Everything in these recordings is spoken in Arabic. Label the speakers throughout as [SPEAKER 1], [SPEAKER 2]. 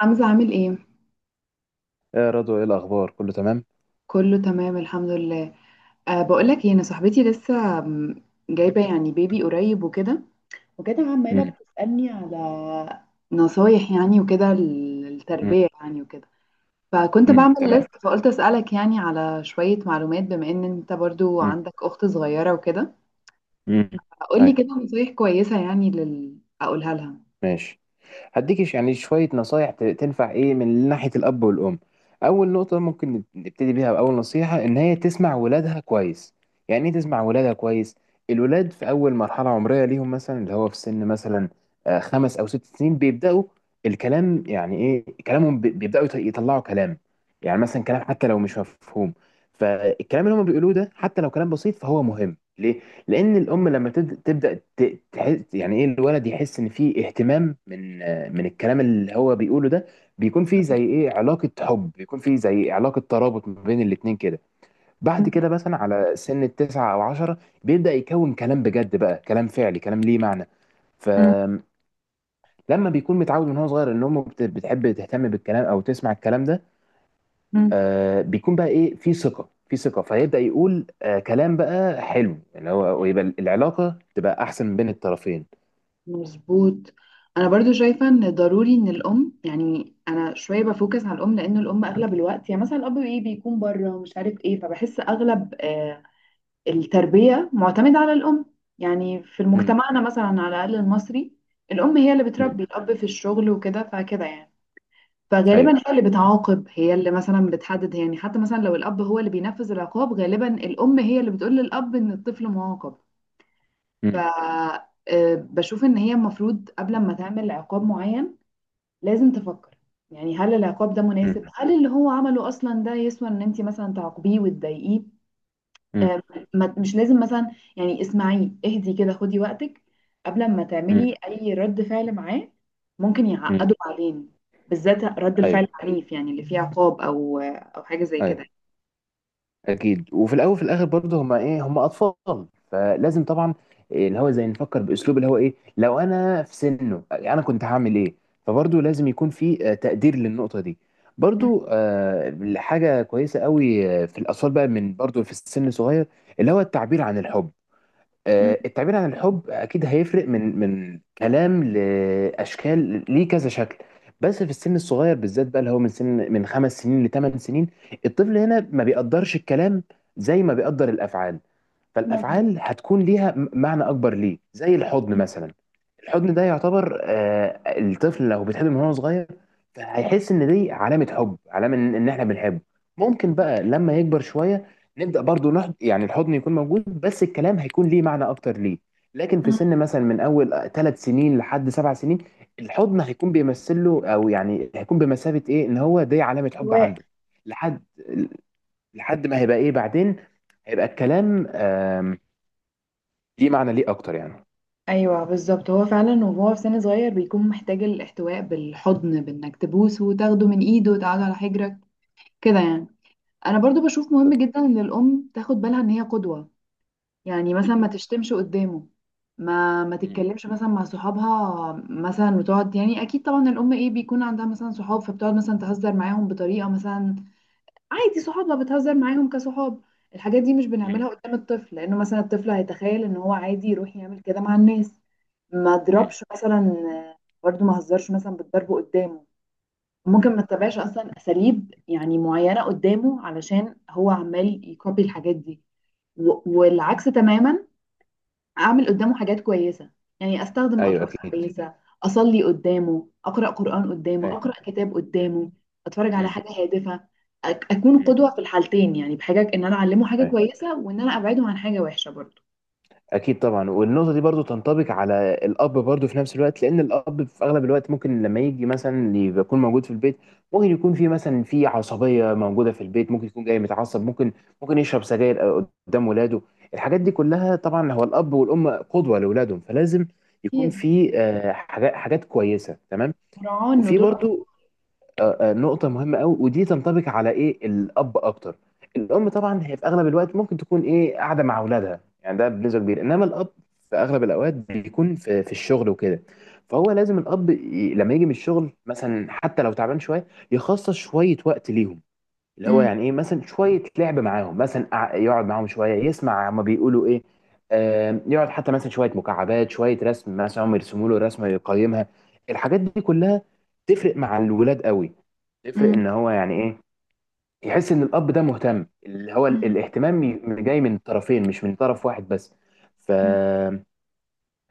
[SPEAKER 1] حمزة عامل ايه؟
[SPEAKER 2] ايه يا رضوى، ايه الاخبار، كله تمام؟
[SPEAKER 1] كله تمام الحمد لله. أه، بقولك ايه، انا صاحبتي لسه جايبة يعني بيبي قريب وكده، وكده عمالة
[SPEAKER 2] امم
[SPEAKER 1] بتسألني على نصايح يعني وكده، التربية يعني وكده، فكنت
[SPEAKER 2] امم
[SPEAKER 1] بعمل
[SPEAKER 2] تمام.
[SPEAKER 1] لست فقلت أسألك يعني على شوية معلومات بما ان انت برضو
[SPEAKER 2] امم
[SPEAKER 1] عندك اخت صغيرة وكده.
[SPEAKER 2] امم
[SPEAKER 1] قولي
[SPEAKER 2] ايوه،
[SPEAKER 1] كده نصايح كويسة يعني لل... اقولها
[SPEAKER 2] ماشي. هديك يعني شوية نصايح تنفع ايه من ناحية الأب والأم. أول نقطة ممكن نبتدي بيها بأول نصيحة، إن هي تسمع ولادها كويس. يعني ايه تسمع ولادها كويس؟ الولاد في أول مرحلة عمرية ليهم، مثلا اللي هو في سن مثلا 5 أو 6 سنين بيبدأوا الكلام. يعني ايه كلامهم؟ بيبدأوا يطلعوا كلام، يعني مثلا كلام حتى لو مش مفهوم. فالكلام اللي هم بيقولوه ده، حتى لو كلام بسيط، فهو مهم ليه؟ لان الام لما تبدا تحس، يعني ايه الولد يحس ان في اهتمام من الكلام اللي هو بيقوله ده. بيكون في زي ايه، علاقه حب، بيكون في زي علاقه ترابط ما بين الاتنين كده. بعد كده مثلا على سن 9 او 10 بيبدا يكون كلام بجد بقى، كلام فعلي، كلام ليه معنى.
[SPEAKER 1] لها.
[SPEAKER 2] فلما بيكون متعود من هو صغير ان امه بتحب تهتم بالكلام او تسمع الكلام ده، آه، بيكون بقى ايه، في ثقه، في ثقه، فهيبدا يقول آه كلام بقى حلو يعني هو، ويبقى العلاقه تبقى احسن بين الطرفين.
[SPEAKER 1] مظبوط. انا برضو شايفه ان ضروري ان الام، يعني انا شويه بفوكس على الام لان الام اغلب الوقت، يعني مثلا الاب ايه بيكون بره ومش عارف ايه، فبحس اغلب التربيه معتمده على الام. يعني في
[SPEAKER 2] امم
[SPEAKER 1] مجتمعنا مثلا على الاقل المصري، الام هي اللي
[SPEAKER 2] امم
[SPEAKER 1] بتربي، الاب في الشغل وكده، فكده يعني.
[SPEAKER 2] ايوه.
[SPEAKER 1] فغالبا هي اللي بتعاقب، هي اللي مثلا بتحدد، يعني حتى مثلا لو الاب هو اللي بينفذ العقاب غالبا الام هي اللي بتقول للاب ان الطفل معاقب. ف
[SPEAKER 2] امم
[SPEAKER 1] بشوف ان هي المفروض قبل ما تعمل عقاب معين لازم تفكر، يعني هل العقاب ده مناسب،
[SPEAKER 2] امم
[SPEAKER 1] هل اللي هو عمله اصلا ده يسوى ان انت مثلا تعاقبيه وتضايقيه. آه، مش لازم مثلا، يعني اسمعيه، اهدي كده، خدي وقتك قبل ما
[SPEAKER 2] امم
[SPEAKER 1] تعملي اي رد فعل معاه. ممكن
[SPEAKER 2] امم
[SPEAKER 1] يعقده بعدين، بالذات رد الفعل
[SPEAKER 2] ايوه.
[SPEAKER 1] العنيف يعني اللي فيه عقاب او حاجة زي كده.
[SPEAKER 2] ايوه، اكيد. وفي الاول وفي الاخر برضه هما ايه، هما اطفال، فلازم طبعا إيه اللي هو زي نفكر باسلوب اللي هو ايه، لو انا في سنه انا كنت هعمل ايه. فبرضه لازم يكون في تقدير للنقطه دي.
[SPEAKER 1] مم.
[SPEAKER 2] برضه حاجه كويسه قوي في الاطفال بقى، من برضه في السن الصغير، اللي هو التعبير عن الحب.
[SPEAKER 1] مم.
[SPEAKER 2] التعبير عن الحب اكيد هيفرق، من كلام لاشكال، ليه كذا شكل. بس في السن الصغير بالذات بقى، اللي هو من سن من 5 سنين ل8 سنين، الطفل هنا ما بيقدرش الكلام زي ما بيقدر الافعال.
[SPEAKER 1] مظبوط.
[SPEAKER 2] فالافعال هتكون ليها معنى اكبر ليه، زي الحضن مثلا. الحضن ده يعتبر، الطفل لو بيتحضن من هو صغير فهيحس ان دي علامه حب، علامه ان إن احنا بنحبه. ممكن بقى لما يكبر شويه نبدا برضو نحض، يعني الحضن يكون موجود بس الكلام هيكون ليه معنى اكتر ليه. لكن في
[SPEAKER 1] مم.
[SPEAKER 2] سن مثلا من اول 3 سنين لحد 7 سنين، الحضن هيكون بيمثل له، او يعني هيكون بمثابه ايه، ان هو دي علامه حب عنده. لحد لحد ما هيبقى ايه بعدين، هيبقى الكلام ليه معنى ليه اكتر يعني.
[SPEAKER 1] ايوه بالظبط، هو فعلا وهو في سن صغير بيكون محتاج الاحتواء بالحضن، بانك تبوسه وتاخده من ايده وتقعده على حجرك كده يعني. انا برضو بشوف مهم
[SPEAKER 2] بالظبط.
[SPEAKER 1] جدا ان الام تاخد بالها ان هي قدوة. يعني مثلا ما
[SPEAKER 2] مم.
[SPEAKER 1] تشتمش قدامه، ما
[SPEAKER 2] مم.
[SPEAKER 1] تتكلمش مثلا مع صحابها، مثلا وتقعد، يعني اكيد طبعا الام ايه بيكون عندها مثلا صحاب فبتقعد مثلا تهزر معاهم بطريقة مثلا عادي، صحابها بتهزر معاهم كصحاب. الحاجات دي مش
[SPEAKER 2] مم.
[SPEAKER 1] بنعملها قدام الطفل لانه مثلا الطفل هيتخيل ان هو عادي يروح يعمل كده مع الناس. ما
[SPEAKER 2] مم.
[SPEAKER 1] اضربش مثلا، برضو ما هزرش مثلا بالضرب قدامه.
[SPEAKER 2] مم.
[SPEAKER 1] ممكن ما اتبعش اصلا اساليب يعني معينه قدامه علشان هو عمال يكوبي الحاجات دي. والعكس تماما، اعمل قدامه حاجات كويسه، يعني استخدم
[SPEAKER 2] ايوه،
[SPEAKER 1] الفاظ
[SPEAKER 2] اكيد.
[SPEAKER 1] كويسه، اصلي قدامه، اقرا قران قدامه،
[SPEAKER 2] ايوه.
[SPEAKER 1] اقرا كتاب
[SPEAKER 2] مم.
[SPEAKER 1] قدامه، اتفرج على
[SPEAKER 2] مم.
[SPEAKER 1] حاجه هادفه. اكون
[SPEAKER 2] مم.
[SPEAKER 1] قدوه في الحالتين، يعني بحاجه ان انا اعلمه حاجه
[SPEAKER 2] أيوة.
[SPEAKER 1] كويسه، وان انا ابعده عن حاجه وحشه برضو.
[SPEAKER 2] اكيد طبعا. والنقطه دي برضو تنطبق على الاب برضو في نفس الوقت، لان الاب في اغلب الوقت ممكن لما يجي مثلا يكون موجود في البيت، ممكن يكون في مثلا في عصبيه موجوده في البيت، ممكن يكون جاي متعصب، ممكن ممكن يشرب سجاير قدام ولاده. الحاجات دي كلها، طبعا هو الاب والام قدوه لاولادهم، فلازم يكون
[SPEAKER 1] اكيد،
[SPEAKER 2] في حاجات، حاجات كويسه. تمام.
[SPEAKER 1] مراعاه ان
[SPEAKER 2] وفي
[SPEAKER 1] دول أطفال.
[SPEAKER 2] برضو نقطة مهمة قوي، ودي تنطبق على ايه، الأب أكتر. الأم طبعا هي في أغلب الوقت ممكن تكون ايه، قاعدة مع أولادها، يعني ده بنسبة كبيرة. إنما الأب في أغلب الأوقات بيكون في الشغل وكده. فهو لازم الأب لما يجي من الشغل مثلا، حتى لو تعبان شوية، يخصص شوية وقت ليهم. اللي هو
[SPEAKER 1] مم،
[SPEAKER 2] يعني ايه، مثلا شويه لعب معاهم، مثلا يقعد معاهم شويه يسمع هما بيقولوا ايه. يقعد حتى مثلا شويه مكعبات، شويه رسم، مثلا هم يرسموا له رسمه يقيمها. الحاجات دي كلها تفرق مع الولاد قوي، تفرق
[SPEAKER 1] مم،
[SPEAKER 2] ان هو يعني ايه، يحس ان الاب ده مهتم، اللي هو
[SPEAKER 1] مم،
[SPEAKER 2] الاهتمام جاي من طرفين، مش من طرف واحد بس. ف
[SPEAKER 1] مم.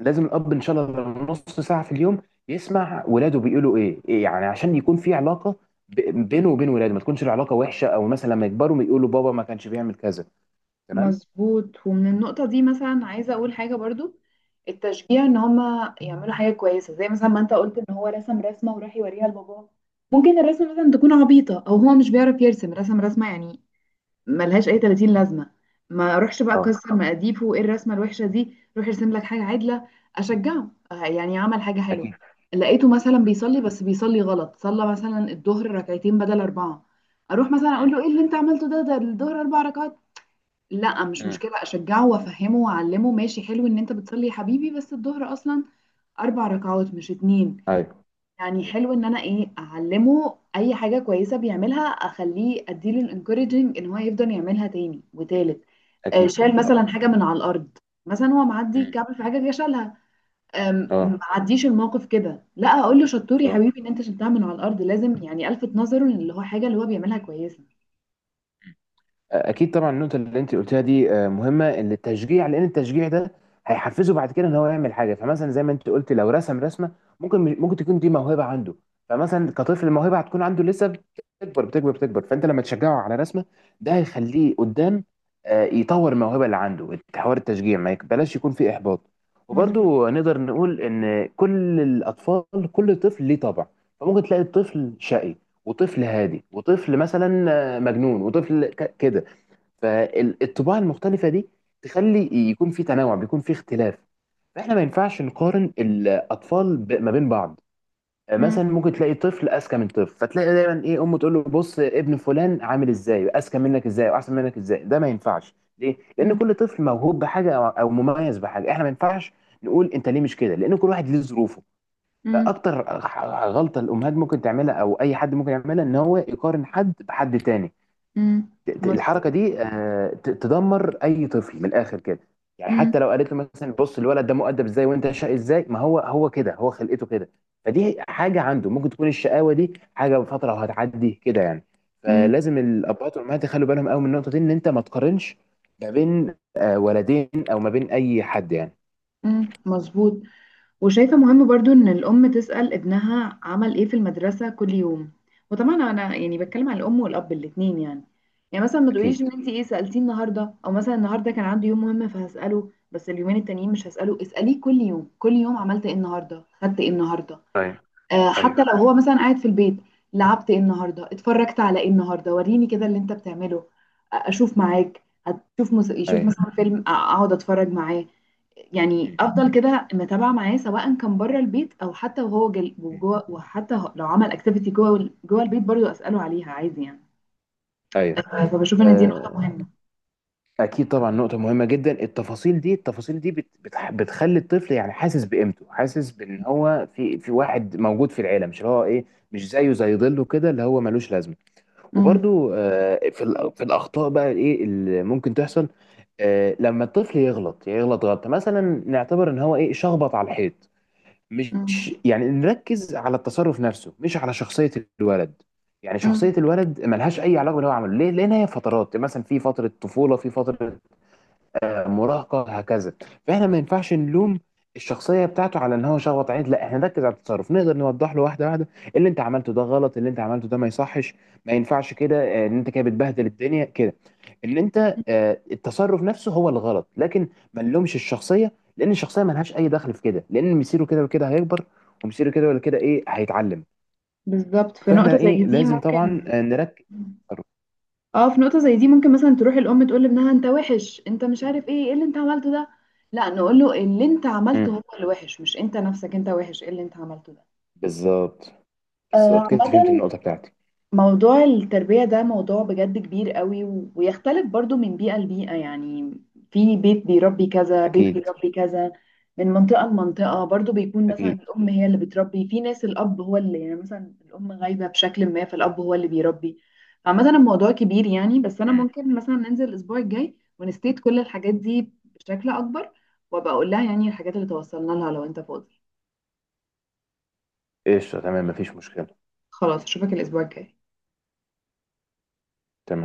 [SPEAKER 2] لازم الاب ان شاء الله نص ساعه في اليوم يسمع ولاده بيقولوا ايه إيه، يعني عشان يكون في علاقه بينه وبين ولاده، ما تكونش العلاقه وحشه، او مثلا لما يكبروا يقولوا بابا ما كانش بيعمل كذا. تمام.
[SPEAKER 1] مظبوط. ومن النقطة دي مثلا عايزة أقول حاجة برضو، التشجيع إن هما يعملوا حاجة كويسة. زي مثلا ما أنت قلت إن هو رسم رسمة وراح يوريها لباباه، ممكن الرسمة مثلا تكون عبيطة أو هو مش بيعرف يرسم، رسمة يعني ملهاش أي 30 لازمة. ما أروحش بقى
[SPEAKER 2] اه،
[SPEAKER 1] أكسر مقاديفه وإيه الرسمة الوحشة دي، روح ارسم لك حاجة عدلة. أشجعه، يعني عمل حاجة حلوة.
[SPEAKER 2] اكيد.
[SPEAKER 1] لقيته مثلا بيصلي بس بيصلي غلط، صلى مثلا الظهر ركعتين بدل أربعة، أروح مثلا أقول
[SPEAKER 2] امم.
[SPEAKER 1] له إيه اللي أنت عملته ده، ده الظهر أربع ركعات. لا، مش
[SPEAKER 2] امم.
[SPEAKER 1] مشكلة، أشجعه وأفهمه وأعلمه، ماشي حلو إن أنت بتصلي يا حبيبي، بس الظهر أصلا أربع ركعات مش اتنين.
[SPEAKER 2] ايوه.
[SPEAKER 1] يعني
[SPEAKER 2] أيوة.
[SPEAKER 1] حلو إن أنا إيه أعلمه أي حاجة كويسة بيعملها، أخليه أديله الانكوريجنج إن هو يفضل يعملها تاني وتالت.
[SPEAKER 2] اكيد
[SPEAKER 1] شال مثلا
[SPEAKER 2] طبعا.
[SPEAKER 1] حاجة من على الأرض، مثلا هو معدي
[SPEAKER 2] امم.
[SPEAKER 1] كعب في حاجة جه شالها،
[SPEAKER 2] اه.
[SPEAKER 1] معديش الموقف كده، لا أقول له شطور يا
[SPEAKER 2] اه،
[SPEAKER 1] حبيبي إن أنت شلتها من على الأرض. لازم يعني ألفت نظره إن اللي هو حاجة اللي هو بيعملها كويسة.
[SPEAKER 2] اكيد طبعا. النقطه اللي انت قلتها دي مهمه، إن التشجيع. لان التشجيع ده هيحفزه بعد كده ان هو يعمل حاجه. فمثلا زي ما انت قلت، لو رسم رسمه، ممكن تكون دي موهبه عنده. فمثلا كطفل الموهبه هتكون عنده لسه بتكبر بتكبر بتكبر. فانت لما تشجعه على رسمه، ده هيخليه قدام يطور الموهبه اللي عنده. حوار التشجيع، ما يك- بلاش يكون فيه احباط.
[SPEAKER 1] مظبوط.
[SPEAKER 2] وبرضه نقدر نقول ان كل الاطفال، كل طفل ليه طبع. فممكن تلاقي طفل شقي، وطفل هادي، وطفل مثلا مجنون، وطفل كده. فالطباع المختلفة دي تخلي يكون في تنوع، بيكون في اختلاف. فاحنا ما ينفعش نقارن الاطفال ما بين بعض.
[SPEAKER 1] مم،
[SPEAKER 2] مثلا ممكن تلاقي طفل اذكى من طفل، فتلاقي دايما ايه، امه تقول له بص ابن فلان عامل ازاي، اذكى منك ازاي، واحسن منك ازاي. ده ما ينفعش ليه؟ لان
[SPEAKER 1] مم،
[SPEAKER 2] كل طفل موهوب بحاجه، او أو مميز بحاجه. احنا ما ينفعش نقول انت ليه مش كده، لان كل واحد ليه ظروفه.
[SPEAKER 1] مم،
[SPEAKER 2] فاكتر غلطه الامهات ممكن تعملها، او اي حد ممكن يعملها، ان هو يقارن حد بحد تاني.
[SPEAKER 1] مم.
[SPEAKER 2] الحركه
[SPEAKER 1] مظبوط.
[SPEAKER 2] دي تدمر اي طفل من الاخر كده. يعني
[SPEAKER 1] مم،
[SPEAKER 2] حتى لو قالت له مثلا بص الولد ده مؤدب ازاي وانت شقي ازاي، ما هو هو كده، هو خلقته كده. فدي حاجه عنده، ممكن تكون الشقاوه دي حاجه بفتره وهتعدي كده يعني.
[SPEAKER 1] مم،
[SPEAKER 2] فلازم الابهات والامهات يخلوا بالهم قوي من النقطه دي، ان انت ما تقارنش ما بين ولدين، او ما بين اي حد يعني.
[SPEAKER 1] مم، مظبوط. وشايفة مهم برضو ان الام تسأل ابنها عمل ايه في المدرسة كل يوم، وطبعا انا يعني بتكلم على الام والاب الاتنين يعني. يعني مثلا ما تقوليش
[SPEAKER 2] اكيد.
[SPEAKER 1] ان انت ايه سألتيه النهاردة، او مثلا النهاردة كان عنده يوم مهم فهسأله بس اليومين التانيين مش هسأله. اسأليه كل يوم، كل يوم عملت ايه النهاردة، خدت ايه النهاردة.
[SPEAKER 2] ايوه.
[SPEAKER 1] آه
[SPEAKER 2] ايوه.
[SPEAKER 1] حتى لو هو مثلا قاعد في البيت، لعبت ايه النهاردة، اتفرجت على ايه النهاردة، وريني كده اللي انت بتعمله. اشوف معاك. هتشوف مس... يشوف
[SPEAKER 2] ايوه.
[SPEAKER 1] مثلا فيلم، اقعد اتفرج معاه، يعني
[SPEAKER 2] مم.
[SPEAKER 1] افضل كده متابعه معاه سواء كان بره البيت او حتى وهو جل... وجوه، وحتى لو عمل اكتيفيتي جوه جوه البيت برضو اساله عليها عادي يعني.
[SPEAKER 2] ايوه.
[SPEAKER 1] فبشوف ان دي نقطه
[SPEAKER 2] آه،
[SPEAKER 1] مهمه.
[SPEAKER 2] اكيد طبعا، نقطه مهمه جدا. التفاصيل دي، التفاصيل دي بتخلي الطفل يعني حاسس بقيمته، حاسس بان هو في، في واحد موجود في العيله، مش اللي هو ايه، مش زيه زي ظله كده اللي هو ملوش لازمه.
[SPEAKER 1] امم،
[SPEAKER 2] وبرده في في الاخطاء بقى ايه اللي ممكن تحصل، لما الطفل يغلط، يغلط غلطه مثلا، نعتبر ان هو ايه، شخبط على الحيط، مش
[SPEAKER 1] امم،
[SPEAKER 2] يعني، نركز على التصرف نفسه مش على شخصيه الولد. يعني
[SPEAKER 1] أمم.
[SPEAKER 2] شخصيه الولد ملهاش اي علاقه باللي هو عمله ليه، لان هي فترات، مثلا في فتره طفوله، في فتره مراهقه، هكذا. فاحنا ما ينفعش نلوم الشخصيه بتاعته على ان هو شخبط عين، لا احنا نركز على التصرف. نقدر نوضح له واحده واحده، اللي انت عملته ده غلط، اللي انت عملته ده ما يصحش، ما ينفعش كده، ان انت كده بتبهدل الدنيا كده، ان انت التصرف نفسه هو الغلط، لكن ما نلومش الشخصيه. لان الشخصيه ما لهاش اي دخل في كده، لان مصيره كده وكده هيكبر، ومصيره كده ولا كده ايه هيتعلم.
[SPEAKER 1] بالظبط، في نقطه
[SPEAKER 2] فاحنا
[SPEAKER 1] زي
[SPEAKER 2] ايه،
[SPEAKER 1] دي
[SPEAKER 2] لازم
[SPEAKER 1] ممكن،
[SPEAKER 2] طبعا نركز على التصرف.
[SPEAKER 1] اه في نقطه زي دي ممكن مثلا تروح الام تقول لابنها انت وحش، انت مش عارف ايه، ايه اللي انت عملته ده. لا، نقول له اللي انت عملته
[SPEAKER 2] مم.
[SPEAKER 1] هو اللي وحش، مش انت نفسك انت وحش، ايه اللي انت عملته ده.
[SPEAKER 2] بالظبط، بالظبط كده، فهمت
[SPEAKER 1] عامة
[SPEAKER 2] النقطه بتاعتي.
[SPEAKER 1] موضوع التربية ده موضوع بجد كبير قوي، ويختلف برضو من بيئة لبيئة يعني، في بيت بيربي كذا، بيت
[SPEAKER 2] اكيد.
[SPEAKER 1] بيربي كذا، من منطقة لمنطقة برضو، بيكون مثلا
[SPEAKER 2] اكيد.
[SPEAKER 1] الأم هي اللي بتربي، في ناس الأب هو اللي، يعني مثلا الأم غايبة بشكل ما فالأب هو اللي بيربي. عامة الموضوع كبير يعني، بس أنا ممكن مثلا ننزل الأسبوع الجاي ونستيت كل الحاجات دي بشكل أكبر، وأبقى أقول لها يعني الحاجات اللي توصلنا لها لو أنت فاضي.
[SPEAKER 2] قشطة، تمام، مفيش مشكلة.
[SPEAKER 1] خلاص، أشوفك الأسبوع الجاي.
[SPEAKER 2] تمام.